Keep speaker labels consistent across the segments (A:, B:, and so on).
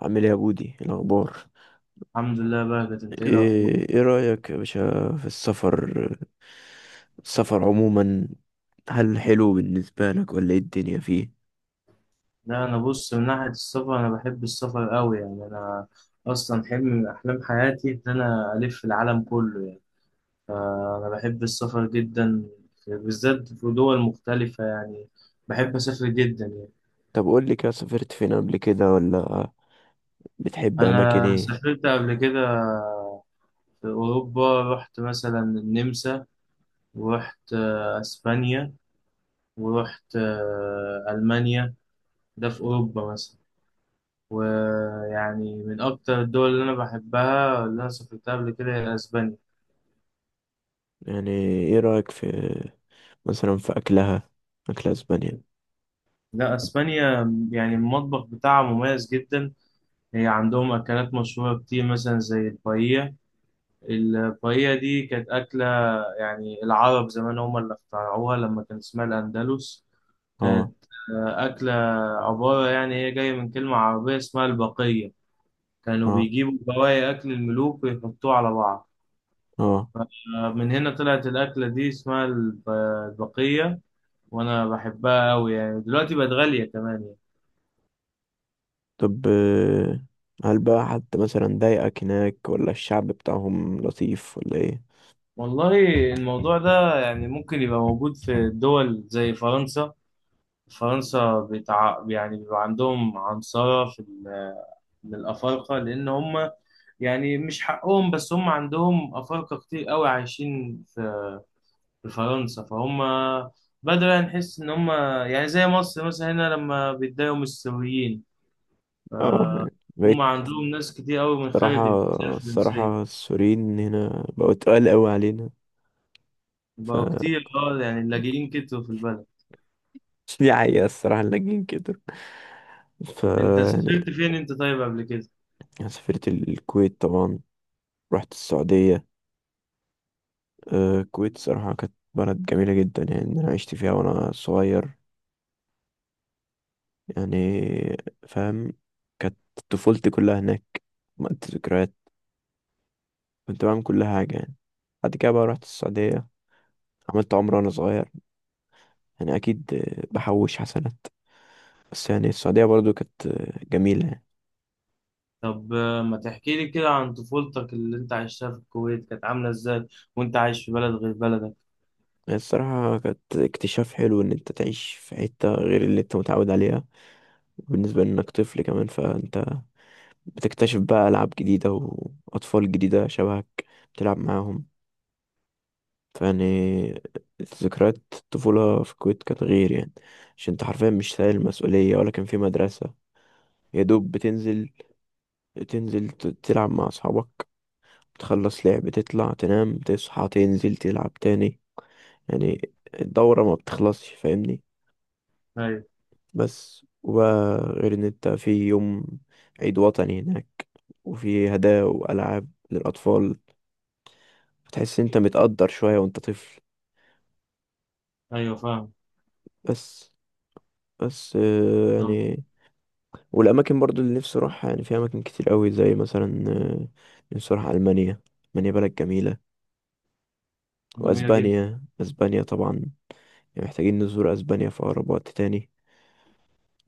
A: عامل ايه يا بودي؟ إيه الاخبار؟
B: الحمد لله بهجت، انت ايه الاخبار؟
A: ايه رايك يا باشا في السفر؟ السفر عموما، هل حلو بالنسبه لك ولا ايه الدنيا فيه؟
B: لا انا بص، من ناحيه السفر انا بحب السفر قوي، يعني انا اصلا حلم من احلام حياتي ان انا الف العالم كله يعني. فانا بحب السفر جدا، بالذات في دول مختلفه يعني، بحب اسافر جدا يعني.
A: طب قول لي كده، سافرت فين قبل كده؟ ولا بتحب اماكن
B: انا
A: ايه؟
B: سافرت قبل كده في اوروبا، رحت مثلا النمسا، ورحت اسبانيا، ورحت المانيا، ده في اوروبا مثلا. ويعني من أكتر الدول اللي أنا بحبها اللي أنا سافرتها قبل كده هي أسبانيا.
A: يعني ايه رايك في، مثلا في اكلها، اكل اسبانيا؟
B: لا، أسبانيا يعني المطبخ بتاعها مميز جدا، هي عندهم أكلات مشهورة كتير مثلا زي البايية. البايية دي كانت أكلة يعني العرب زمان هم اللي اخترعوها لما كان اسمها الأندلس.
A: اه.
B: كانت أكلة عبارة، يعني هي جاية من كلمة عربية اسمها البقية. كانوا
A: اه.
B: بيجيبوا بواقي أكل الملوك ويحطوه على بعض.
A: اه.
B: من هنا طلعت الأكلة دي اسمها البقية. وانا بحبها قوي يعني، دلوقتي بقت غالية كمان يعني.
A: طب. هل بقى حد مثلا ضايقك هناك ولا الشعب بتاعهم لطيف ولا ايه؟
B: والله الموضوع ده يعني ممكن يبقى موجود في دول زي فرنسا. فرنسا بتاع يعني بيبقى عندهم عنصرة في من الأفارقة، لأن هم يعني مش حقهم، بس هم عندهم أفارقة كتير قوي عايشين في في فرنسا، فهم بدأنا نحس إن هم يعني زي مصر مثلا هنا لما بيتضايقوا من السوريين.
A: اه،
B: هم
A: بقيت.
B: عندهم ناس كتير قوي من
A: صراحة،
B: خارج الجنسية الفرنسية.
A: الصراحة السوريين هنا بقوا تقال قوي علينا. ف
B: بقوا كتير اه، يعني اللاجئين كتروا في البلد.
A: مش دي حقيقة، الصراحة اللاجئين كده. ف،
B: انت
A: يعني
B: سافرت فين انت طيب قبل كده؟
A: أنا سافرت الكويت طبعا. رحت السعودية. الكويت صراحة كانت بلد جميلة جدا، يعني أنا عشت فيها وأنا صغير. يعني فاهم، كانت طفولتي كلها هناك. عملت ذكريات، كنت بعمل كل حاجة يعني. بعد كده بقى رحت السعودية، عملت عمرة وأنا صغير. يعني أكيد بحوش حسنات. بس يعني السعودية برضو كانت جميلة يعني.
B: طب ما تحكي لي كده عن طفولتك اللي انت عشتها في الكويت، كانت عاملة ازاي وانت عايش في بلد غير بلدك؟
A: هي الصراحة كانت اكتشاف حلو إن أنت تعيش في حتة غير اللي أنت متعود عليها. بالنسبة لإنك طفل كمان، فأنت بتكتشف بقى ألعاب جديدة وأطفال جديدة شبهك، بتلعب معاهم. فيعني ذكريات الطفولة في الكويت كانت غير يعني. عشان أنت حرفيا مش شايل مسؤولية ولا كان في مدرسة. يا دوب بتنزل، تنزل تلعب مع أصحابك، تخلص لعب، تطلع تنام، تصحى تنزل تلعب تاني. يعني الدورة ما بتخلصش فاهمني.
B: ايوه.
A: بس وبقى غير ان انت في يوم عيد وطني هناك، وفي هدايا وألعاب للأطفال، بتحس انت متقدر شوية وانت طفل.
B: ايوه فاهم.
A: بس، بس
B: طب.
A: يعني والأماكن برضو اللي نفسي أروحها. يعني في أماكن كتير قوي زي مثلا نفسي أروح ألمانيا. ألمانيا بلد جميلة.
B: جميلة جدا.
A: وأسبانيا، أسبانيا طبعا، يعني محتاجين نزور أسبانيا في أقرب وقت تاني،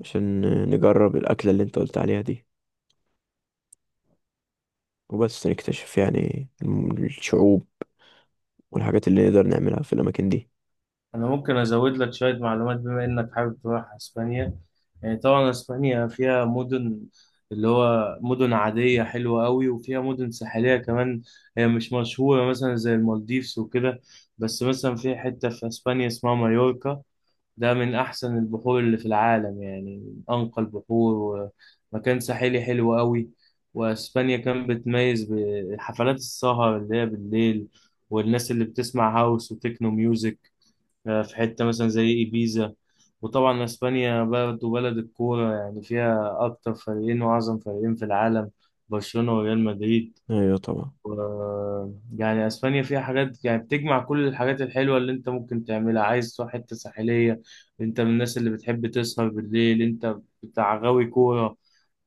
A: عشان نجرب الأكلة اللي انت قلت عليها دي، وبس نكتشف يعني الشعوب والحاجات اللي نقدر نعملها في الأماكن دي.
B: انا ممكن ازود لك شوية معلومات بما انك حابب تروح اسبانيا. يعني طبعا اسبانيا فيها مدن، اللي هو مدن عادية حلوة قوي، وفيها مدن ساحلية كمان. هي مش مشهورة مثلا زي المالديفز وكده، بس مثلا في حتة في اسبانيا اسمها مايوركا. ده من أحسن البحور اللي في العالم، يعني من أنقى البحور، ومكان ساحلي حلو قوي. وأسبانيا كان بتميز بحفلات السهر اللي هي بالليل، والناس اللي بتسمع هاوس وتكنو ميوزك. في حتة مثلا زي إيبيزا. وطبعا أسبانيا برضه بلد الكورة، يعني فيها أكتر فريقين وأعظم فريقين في العالم، برشلونة وريال مدريد.
A: أيوة طبعا.
B: و- يعني اسبانيا فيها حاجات يعني بتجمع كل الحاجات الحلوه اللي انت ممكن تعملها. عايز تروح حته ساحليه، انت من الناس اللي بتحب تسهر بالليل، انت بتاع غاوي كوره،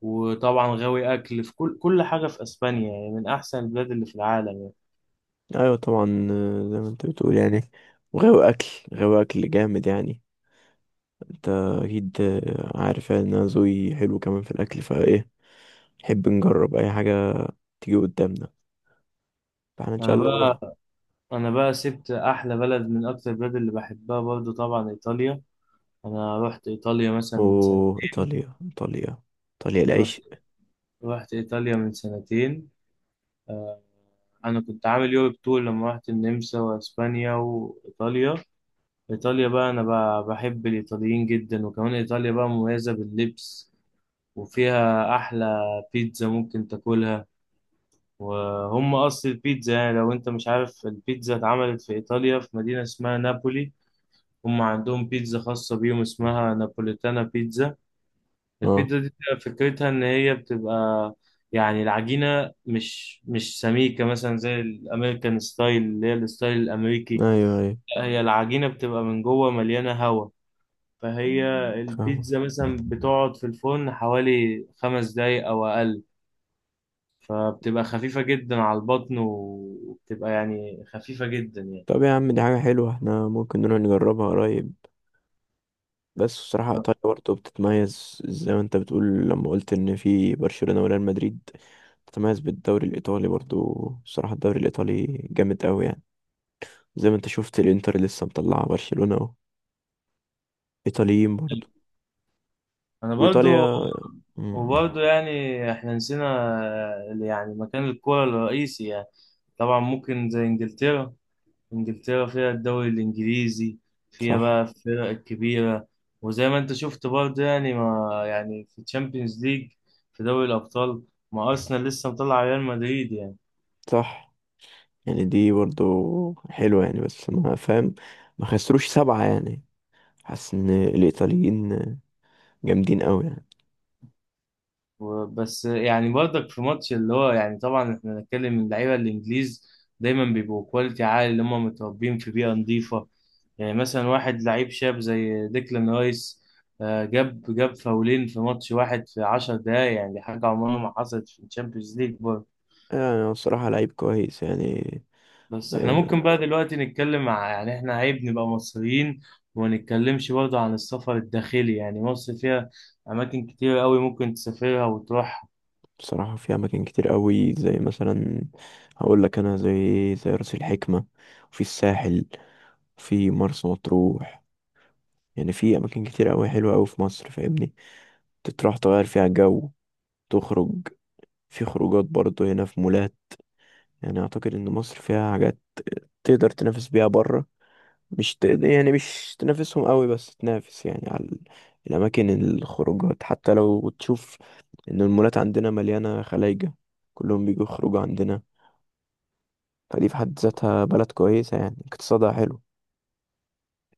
B: وطبعا غاوي اكل، في كل حاجه في اسبانيا. يعني من احسن البلاد اللي في العالم يعني.
A: أيوة طبعا زي ما أنت بتقول يعني. وغاوي أكل، غاوي أكل جامد يعني. أنت أكيد عارف يعني إن أنا ذوقي حلو كمان في الأكل، فإيه نحب نجرب أي حاجة تيجي قدامنا. فإحنا إن
B: انا
A: شاء الله
B: بقى
A: نروح.
B: انا بقى سبت احلى بلد من اكتر البلاد اللي بحبها برضو، طبعا ايطاليا. انا رحت ايطاليا مثلا من سنه.
A: أوه، إيطاليا! إيطاليا! إيطاليا
B: رحت
A: العيش.
B: رحت ايطاليا من سنتين. انا كنت عامل يوروب تور لما رحت النمسا واسبانيا وايطاليا. إيطاليا بقى، أنا بقى بحب الإيطاليين جدا، وكمان إيطاليا بقى مميزة باللبس، وفيها أحلى بيتزا ممكن تاكلها، وهم أصل البيتزا. يعني لو أنت مش عارف، البيتزا اتعملت في إيطاليا في مدينة اسمها نابولي. هم عندهم بيتزا خاصة بيهم اسمها نابوليتانا بيتزا.
A: أه.
B: البيتزا دي بتبقى فكرتها إن هي بتبقى يعني العجينة مش سميكة، مثلا زي الأمريكان ستايل اللي هي الستايل الأمريكي.
A: أيوة، أيوة،
B: لا، هي العجينة بتبقى من جوه مليانة هوا، فهي
A: فاهم.
B: البيتزا مثلا بتقعد في الفرن حوالي خمس دقايق أو أقل، فبتبقى خفيفة جدا على البطن، وبتبقى يعني خفيفة جدا يعني.
A: طب يا عم، دي حاجة حلوة، إحنا ممكن نروح نجربها قريب. بس بصراحة إيطاليا برضه بتتميز، زي ما أنت بتقول لما قلت إن في برشلونة وريال مدريد، بتتميز بالدوري الإيطالي برضه. بصراحة الدوري الإيطالي جامد أوي يعني. زي ما أنت شفت الإنتر لسه مطلعة برشلونة أهو، إيطاليين برضه.
B: أنا برضو
A: وإيطاليا. مم.
B: وبرضو يعني إحنا نسينا يعني مكان الكورة الرئيسي يعني. طبعا ممكن زي إنجلترا، انجلترا فيها الدوري الانجليزي، فيها بقى
A: صح.
B: الفرق الكبيره. وزي ما انت شفت برضه، يعني ما يعني في تشامبيونز ليج، في دوري الابطال، ما ارسنال لسه مطلع ريال مدريد يعني.
A: صح. يعني دي برضه حلوة يعني، بس ما فاهم، ما خسروش سبعة يعني. حاسس إن الإيطاليين جامدين أوي يعني.
B: وبس يعني برضك في ماتش اللي هو يعني طبعا احنا بنتكلم، اللعيبه الانجليز دايما بيبقوا كواليتي عالي، اللي هم متربيين في بيئه نظيفه. يعني مثلا واحد لعيب شاب زي ديكلان رايس، جاب فاولين في ماتش واحد في 10 دقايق، يعني دي حاجه عمرها ما حصلت في الشامبيونز ليج.
A: يعني هو بصراحة لعيب كويس يعني.
B: بس احنا ممكن
A: آه،
B: بقى دلوقتي نتكلم يعني احنا عيب نبقى مصريين وما نتكلمش برضه عن السفر الداخلي. يعني مصر فيها أماكن كتير قوي ممكن تسافرها وتروحها.
A: بصراحة في أماكن كتير قوي زي مثلا، هقول لك أنا، زي رأس الحكمة، وفي الساحل، في مرسى مطروح. يعني في أماكن كتير قوي حلوة قوي في مصر فاهمني. تروح تغير فيها جو، تخرج. في خروجات برضه هنا في مولات. يعني أعتقد إن مصر فيها حاجات تقدر تنافس بيها بره. مش تقدر، يعني مش تنافسهم قوي، بس تنافس يعني على الأماكن، الخروجات. حتى لو تشوف إن المولات عندنا مليانة خلايجة، كلهم بيجوا يخرجوا عندنا. فدي في حد ذاتها بلد كويسة يعني، اقتصادها حلو.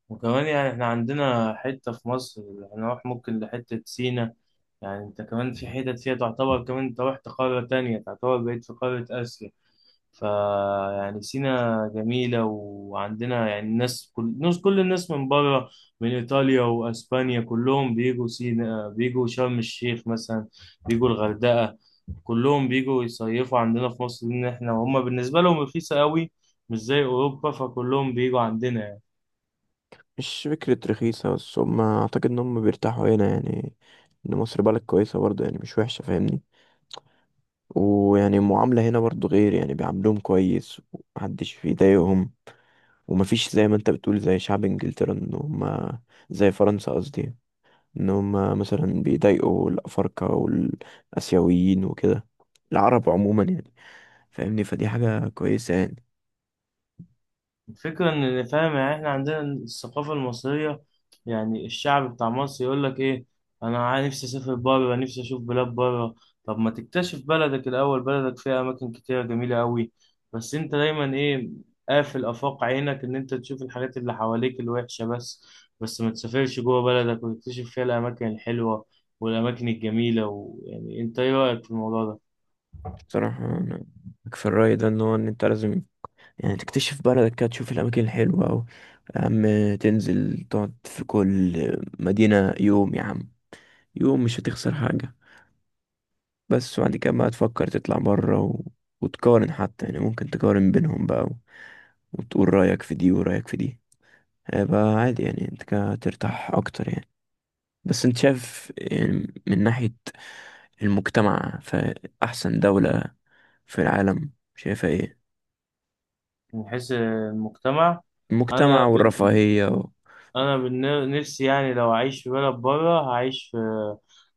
B: وكمان يعني احنا عندنا حتة في مصر هنروح ممكن لحتة سينا. يعني انت كمان في حتت فيها تعتبر كمان انت رحت قارة تانية، تعتبر بقيت في قارة آسيا. فيعني سينا جميلة، وعندنا يعني الناس، كل الناس من بره، من إيطاليا وأسبانيا، كلهم بيجوا سينا، بيجوا شرم الشيخ مثلا، بيجوا الغردقة. كلهم بيجوا يصيفوا عندنا في مصر لأن إحنا هما بالنسبة لهم رخيصة قوي، مش زي أوروبا، فكلهم بيجوا عندنا.
A: مش فكرة رخيصة بس، هم أعتقد إن هم بيرتاحوا هنا يعني. إن مصر بلد كويسة برضه يعني، مش وحشة فاهمني. ويعني المعاملة هنا برضه غير يعني، بيعاملوهم كويس ومحدش بيضايقهم. ومفيش زي ما أنت بتقول زي شعب إنجلترا إن هم، زي فرنسا قصدي، إن هم مثلا بيضايقوا الأفارقة والآسيويين وكده، العرب عموما يعني فاهمني. فدي حاجة كويسة يعني.
B: الفكرة إن فاهم يعني، إحنا عندنا الثقافة المصرية. يعني الشعب بتاع مصر يقول لك إيه، أنا نفسي أسافر بره، نفسي أشوف بلاد بره. طب ما تكتشف بلدك الأول، بلدك فيها أماكن كتيرة جميلة أوي، بس أنت دايما إيه، قافل آفاق عينك إن أنت تشوف الحاجات اللي حواليك الوحشة بس، بس ما تسافرش جوه بلدك وتكتشف فيها الأماكن الحلوة والأماكن الجميلة. ويعني أنت إيه رأيك في الموضوع ده؟
A: بصراحة أنا، في الرأي ده، إن هو إن أنت لازم يعني تكتشف بلدك كده، تشوف الأماكن الحلوة. أو يا عم تنزل تقعد في كل مدينة يوم، يا عم يوم مش هتخسر حاجة. بس وبعد كده بقى تفكر تطلع برا، و... وتقارن حتى، يعني ممكن تقارن بينهم بقى، و... وتقول رأيك في دي ورأيك في دي. هيبقى عادي يعني، انت كده ترتاح أكتر يعني. بس انت شايف يعني من ناحية المجتمع، فأحسن دولة في العالم شايفها ايه؟
B: من حيث المجتمع. أنا،
A: المجتمع والرفاهية و...
B: انا نفسي يعني لو اعيش في بلد بره هعيش في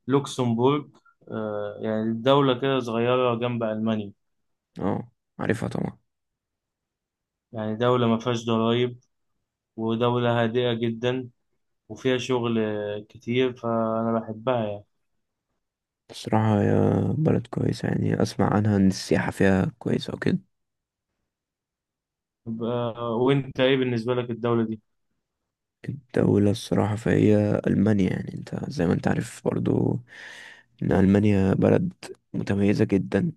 B: لوكسمبورغ. يعني دولة كده صغيرة جنب ألمانيا،
A: اه، عارفها طبعا.
B: يعني دولة ما فيهاش ضرايب، ودولة هادئة جدا، وفيها شغل كتير، فأنا بحبها يعني.
A: الصراحة هي بلد كويسة يعني، أسمع عنها إن السياحة فيها كويسة وكده.
B: وأنت إيه بالنسبة لك الدولة دي؟
A: الدولة الصراحة فهي ألمانيا. يعني أنت زي ما أنت عارف برضو إن ألمانيا بلد متميزة جدا.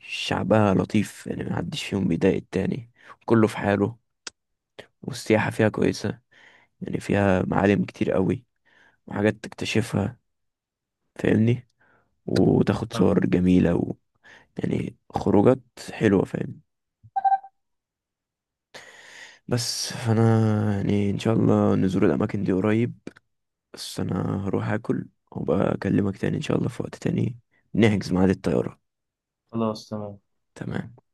A: شعبها لطيف يعني، محدش فيهم بيضايق التاني، كله في حاله. والسياحة فيها كويسة، يعني فيها معالم كتير قوي وحاجات تكتشفها فاهمني، وتاخد
B: آه،
A: صور جميلة و... يعني خروجات حلوة فاهم. بس فانا يعني ان شاء الله نزور الاماكن دي قريب. بس انا هروح اكل وبقى اكلمك تاني ان شاء الله في وقت تاني، نحجز ميعاد الطيارة.
B: خلاص تمام.
A: تمام.